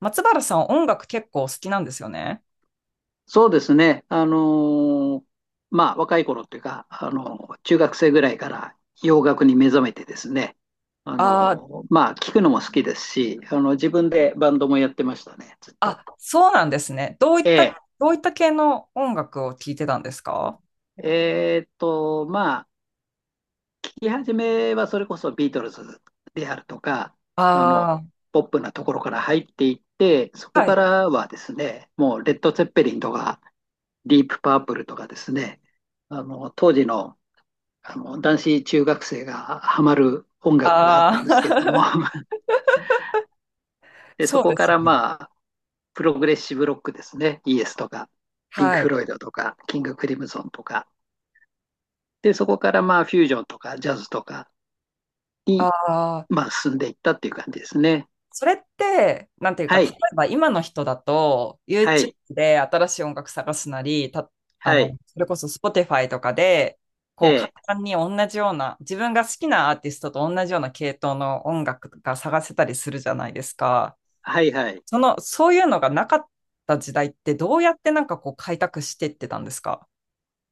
松原さん、音楽結構好きなんですよね。そうですね。ーまあ、若い頃っていうか、中学生ぐらいから洋楽に目覚めてですね。ああのーーまあ、聞くのも好きですし、自分でバンドもやってましたね、ずっと。あ、そうなんですね。どういった、えどういった系の音楽を聴いてたんですか？まあ、聞き始めはそれこそビートルズであるとか、あの、あポップなところから入っていって、そあー、こはかい。らはですね、もうレッド・ツェッペリンとか、ディープ・パープルとかですね、当時の男子中学生がハマる音楽があっあたんですけれども あ、で、そそうこでかすらね。まあ、プログレッシブロックですね、イエスとか、ピンク・はフい。ロイドとか、キング・クリムゾンとか、で、そこからまあ、フュージョンとか、ジャズとかに、ああ、まあ、進んでいったっていう感じですね。それって、なんていうか、は例い、えば今の人だと、は YouTube い、で新しい音楽探すなり、た、あはの、い、それこそ Spotify とかで、えこう、簡え、単に同じような、自分が好きなアーティストと同じような系統の音楽が探せたりするじゃないですか。はい、はい。その、そういうのがなかった時代ってどうやってなんかこう開拓していってたんですか？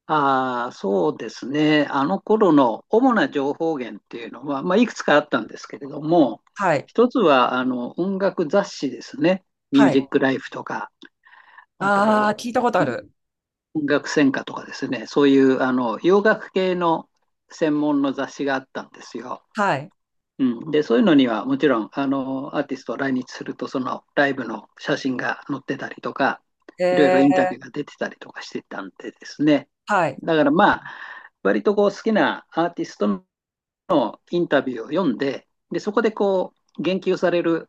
ああ、そうですね。あの頃の主な情報源っていうのは、まあ、いくつかあったんですけれども、はい。一つはあの音楽雑誌ですね。ミューはジい。ックライフとか、ああと、あ、聞いたことあうんる。音楽専科とかですね。そういう洋楽系の専門の雑誌があったんですよ。はい。うん、で、そういうのにはもちろん、アーティストを来日すると、そのライブの写真が載ってたりとか、えいろいろインタビー、ューが出てたりとかしてたんでですね。はい。だからまあ、割とこう好きなアーティストのインタビューを読んで、で、そこでこう、言及される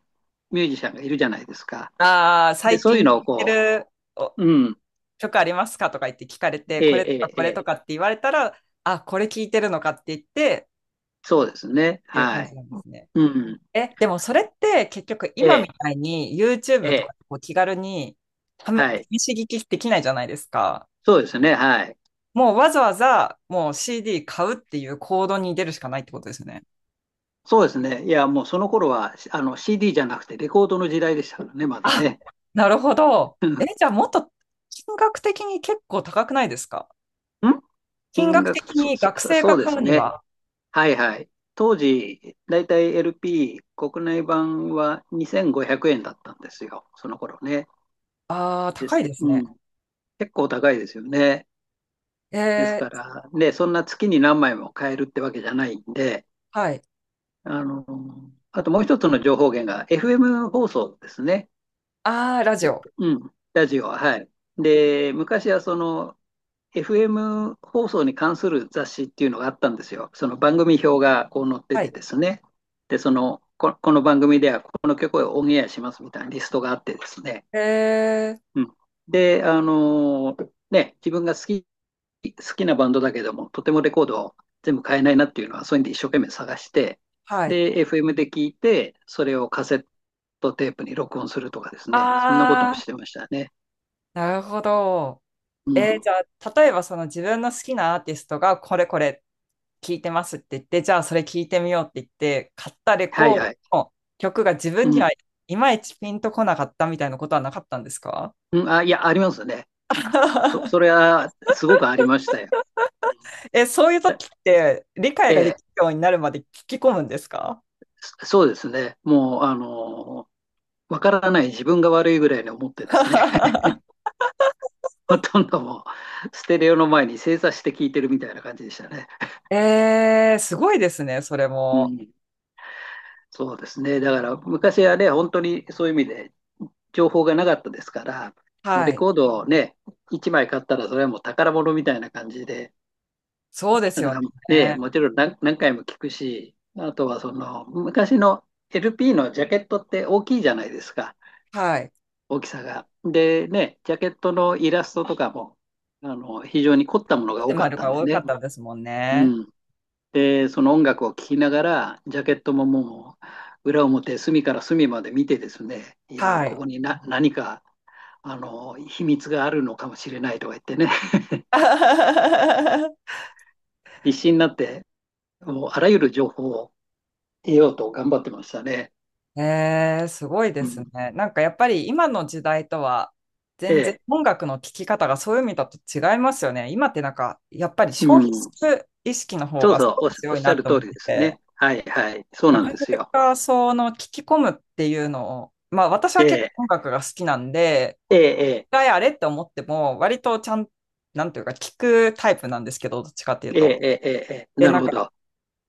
ミュージシャンがいるじゃないですか。ああ、で、最そういう近聴のをいてこるおう、うん、曲ありますかとか言って聞かれて、えこれとかえ、えこれとえ、かって言われたら、あ、これ聞いてるのかって言って、そうですね。っていう感はじい。なんですね。うん、え、でもそれって結局え今みえ、たいに え YouTube とかえ、でこう気軽にはい。試し聞きできないじゃないですか。そうですね。はい。もうわざわざもう CD 買うっていう行動に出るしかないってことですよね。そうですね。いや、もうその頃は、CD じゃなくてレコードの時代でしたからね、まだあ、ね。なるほど。うえ、んじゃあもっと金額的に結構高くないですか？ん金金額額、的に学生そがうで買すうにね。は。はいはい。当時、だいたい LP、国内版は2500円だったんですよ。その頃ね。ああ、で高いす。ですうね。ん。結構高いですよね。ですえかー、ら、ね、そんな月に何枚も買えるってわけじゃないんで、はい。あの、あともう一つの情報源が FM 放送ですね。ああ、ラジえオ。うん、ラジオは、はい。で、昔はその FM 放送に関する雑誌っていうのがあったんですよ。その番組表がこう載ってはてい。ですね。で、この番組ではこの曲をオンエアしますみたいなリストがあってですね。えー、うん、で、自分が好きなバンドだけども、とてもレコードを全部買えないなっていうのは、そういうんで一生懸命探して、はい。で、FM で聞いて、それをカセットテープに録音するとかですね。そんなことあもしあ、てましたね。なるほど。うん。じゃあ、例えばその自分の好きなアーティストがこれこれっ聞いてますって言って、じゃあそれ聞いてみようって言って、買ったレはコいードはい。の曲が自分うにん。はいまいちピンとこなかったみたいなことはなかったんですか？ うん、あ、いや、ありますね。あ、それ はすごくありましたよ。うんえ、そういう時って理解えができえ、るようになるまで聞き込むんですか？ そそうですね。もう、わからない自分が悪いぐらいに思ってですね、ほとんどもう、ステレオの前に正座して聞いてるみたいな感じでしたね。えー、すごいですね、それうも。ん、そうですね。だから、昔はね、本当にそういう意味で情報がなかったですから、もうはレい。コードをね、1枚買ったら、それはもう宝物みたいな感じで、そうですだかよらね、ね。もちろん何回も聞くし、あとはその昔の LP のジャケットって大きいじゃないですか、はい。大きさが。でね、ジャケットのイラストとかも非常に凝ったもの っがて多かまっるたんがで多かね。ったですもんうね。ん、で、その音楽を聴きながら、ジャケットももう裏表、隅から隅まで見てですね、いやー、はこい。こに何か秘密があるのかもしれないとか言ってね、必死になって、もうあらゆる情報を得ようと頑張ってましたね。えーすごいでうすん、ね。なんかやっぱり今の時代とはえ全然え、音楽の聴き方がそういう意味だと違いますよね。今ってなんかやっぱりう消費すん。る意識の方そうがすそう、ごくお強っいしなゃると通思っりでてすて、ね。はいはい。そうななんかなですよ。かその聞き込むっていうのを、まあ私えは結え、構音楽が好きなんで、ええ、一回あれって思っても割とちゃん、なんていうか聞くタイプなんですけど、どっちかっていうええ、と。ええ、ええ、ええ、で、なるなんほかど。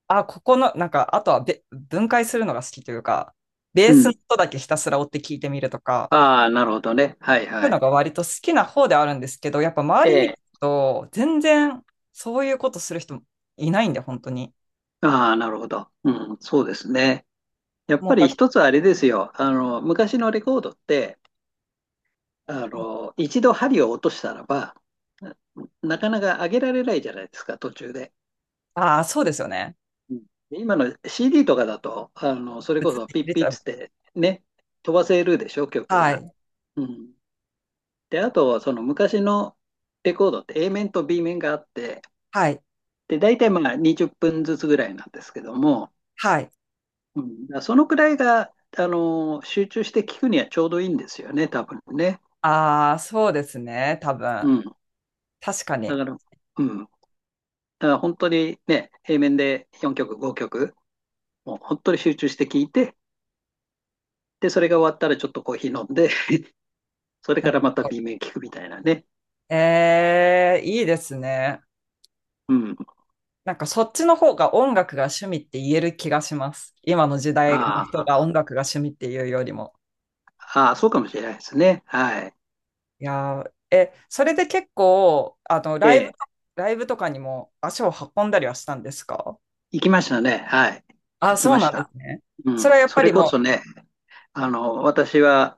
あ、ここの、なんか、あとは分解するのが好きというか、ベうースのん。音だけひたすら追って聞いてみるとか、ああ、なるほどね。はいそういはうのい。が割と好きな方であるんですけど、やっぱ周えり見るえ、と、全然そういうことする人いないんで、本当に。ああ、なるほど。うん、そうですね。やっもぱうりだ、一つあれですよ。昔のレコードって、一度針を落としたらば、ななかなか上げられないじゃないですか、途中で。ああ、そうですよね。うん。で、今の CD とかだと、それこそピッ出ちピゃッう。つってね、飛ばせるでしょ、曲はが。い、うん。で、あと、その昔のレコードって A 面と B 面があって、はい、で、大体まあ20分ずつぐらいなんですけども、はい。うん、だからそのくらいが、集中して聞くにはちょうどいいんですよね、多分ね。ああ、そうですね、多う分。ん。確かだに。から、うん。だから本当にね、A 面で4曲、5曲、もう本当に集中して聞いて、で、それが終わったらちょっとコーヒー飲んで、それなかるらまた ほど。 B 面聞くみたいなね。ええ、いいですね。うん。なんかそっちの方が音楽が趣味って言える気がします。今の時代の人あが音楽が趣味っていうよりも。あ、ああ、そうかもしれないですね。はい。いやー、え、それで結構、あの、ライブと、ええ、ライブとかにも足を運んだりはしたんですか？行きましたね。はい。あ、行きそうまなしんですた。ね。うそれん。はやっそぱれりこもそね、私は、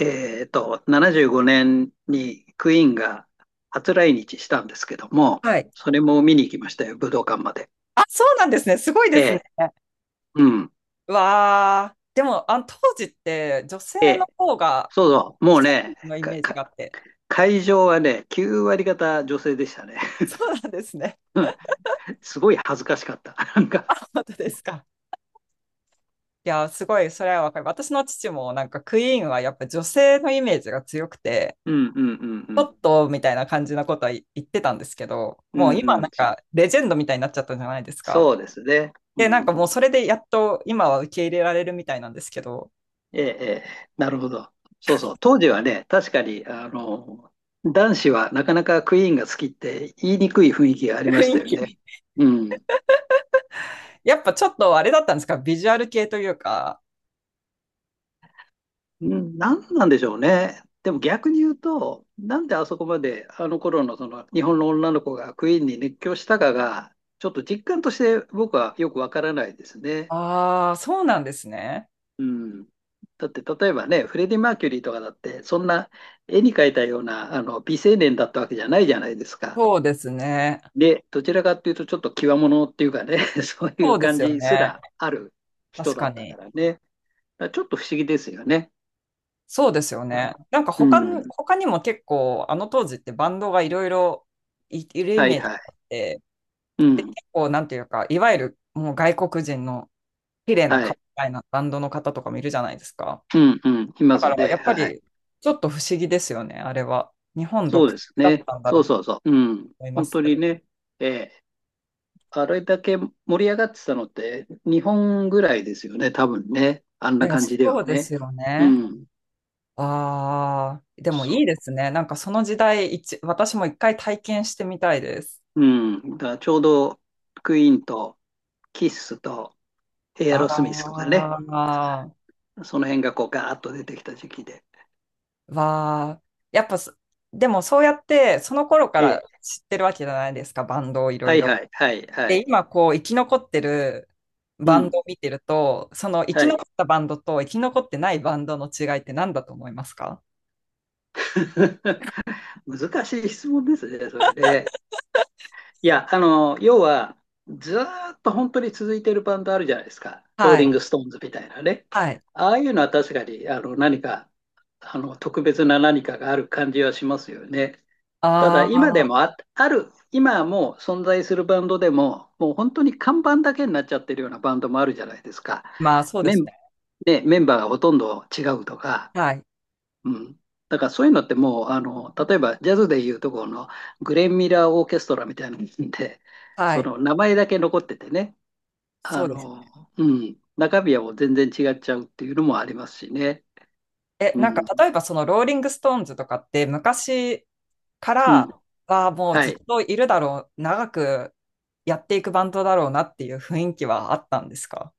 75年にクイーンが初来日したんですけども、う、はい。それも見に行きましたよ、武道館まで。あ、そうなんですね。すごいでえすね。え。うん。わあ、でも、あの、当時って女性の方が、そうそう。女もう性ね、のイメージがあって。会場はね、9割方女性でしたね。そうなんですね。うん。すごい恥ずかしかった。なんか、本当ですか。いや、すごい、それはわかる。私の父もなんかクイーンはやっぱ女性のイメージが強くて、うん、うん、うん、うちょん。っとみたいな感じのことは言ってたんですけど、うもん、う今うなん。んかレジェンドみたいになっちゃったじゃないですか。そうですね。うで、なんかん。もうそれでやっと今は受け入れられるみたいなんですけど、ええ、ええ、なるほど。そうそう。当時はね、確かに、男子はなかなかクイーンが好きって言いにくい雰囲気があ りま雰した囲よね。気。うん。やっぱちょっとあれだったんですか、ビジュアル系というか。うん、なんでしょうね。でも逆に言うと、なんであそこまであの頃のその日本の女の子がクイーンに熱狂したかが、ちょっと実感として僕はよくわからないですね。ああ、そうなんですね。うん。だって例えばね、フレディ・マーキュリーとかだって、そんな絵に描いたようなあの美青年だったわけじゃないじゃないですか。そうですね。で、どちらかっていうと、ちょっと際物っていうかね、そういそううで感すよじすね。らある人確だかったかに。らね。だからちょっと不思議ですよね。そうですよね。なんかう他に、ん。他にも結構、あの当時ってバンドがいろいろいるイはいメージはがあい。って、うで、ん。結構、なんていうか、いわゆるもう外国人の綺麗なは顔い。みたいなバンドの方とかもいるじゃないですか。うん、うん。いまだかすら、やっね。ぱはい。り、ちょっと不思議ですよね、あれは。日本独そうで特すだっね。たんだそろううとそうそう。うん。思いま本す当けにど。ね、ええ、あれだけ盛り上がってたのって、日本ぐらいですよね、多分ね。あんいなや、感そじではうですね。ようね。ん。ああ、でもいいそですね。なんかその時代一、私も一回体験してみたいです。う。うん。だからちょうど、クイーンと、キッスと、エアロスミスとかね、ああ。その辺がこうガーッと出てきた時期で。わあ、やっぱそ、でもそうやってその頃かえらえ、知ってるわけじゃないですか、バンドをいろはいい、ろ。はい、はい、はで、い。今こう生き残ってるうバンん。ドを見てると、その生きは残い。ったバンドと生き残ってないバンドの違いって何だと思いますか？ 難しい質問ですね、それで。いや、要は、ずーっと本当に続いてるバンドあるじゃないですか。ローはリンい。グ・ストーンズみたいなね。はい。ああいうのは確かに、何か、特別な何かがある感じはしますよね。ただあ今でもあ、あ、ある、今もう存在するバンドでも、もう本当に看板だけになっちゃってるようなバンドもあるじゃないですか。まあそうでメすン、ね。ね、メンバーがほとんど違うとか、はい。うん。だからそういうのってもう、例えばジャズでいうところのグレン・ミラー・オーケストラみたいなので、はそい。の名前だけ残っててね、そうです。うん、中身はもう全然違っちゃうっていうのもありますしね。え、うなんかん、例えばそのローリング・ストーンズとかって昔かうらん、はもうはずっい。といるだろう、長くやっていくバンドだろうなっていう雰囲気はあったんですか？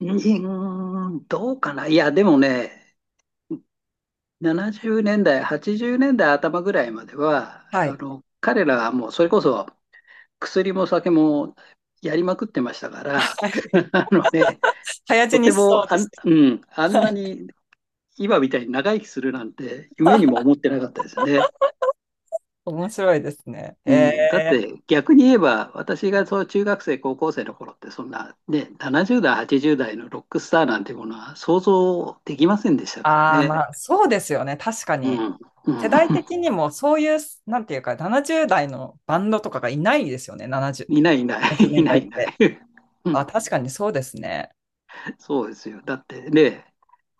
うん、どうかな。いや、でもね、70年代、80年代頭ぐらいまでは、はい。彼らはもうそれこそ薬も酒もやりまくってましたから、はい。あのね、早死とにてしもそうです。あんなに今みたいに長生きするなんて夢にも 思ってなかったですね。面白いですね。うえん、だって逆に言えば私がそう中学生高校生の頃ってそんな、ね、70代80代のロックスターなんてものは想像できませんでしたー、からああ、ね。まあそうですよね。確かうん、に。う世ん、代的にもそういう、なんていうか、70代のバンドとかがいないですよね。70、いない、いない、70 年いない、代いっない。て。うあ、ん、確かにそうですね。そうですよ。だってね、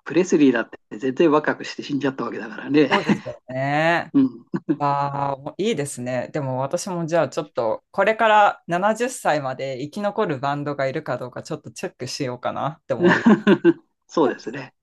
プレスリーだって全然若くして死んじゃったわけだからね。そうですよね。うん。ああ、いいですね。でも私もじゃあちょっと、これから70歳まで生き残るバンドがいるかどうかちょっとチェックしようかなって思います。そうですね。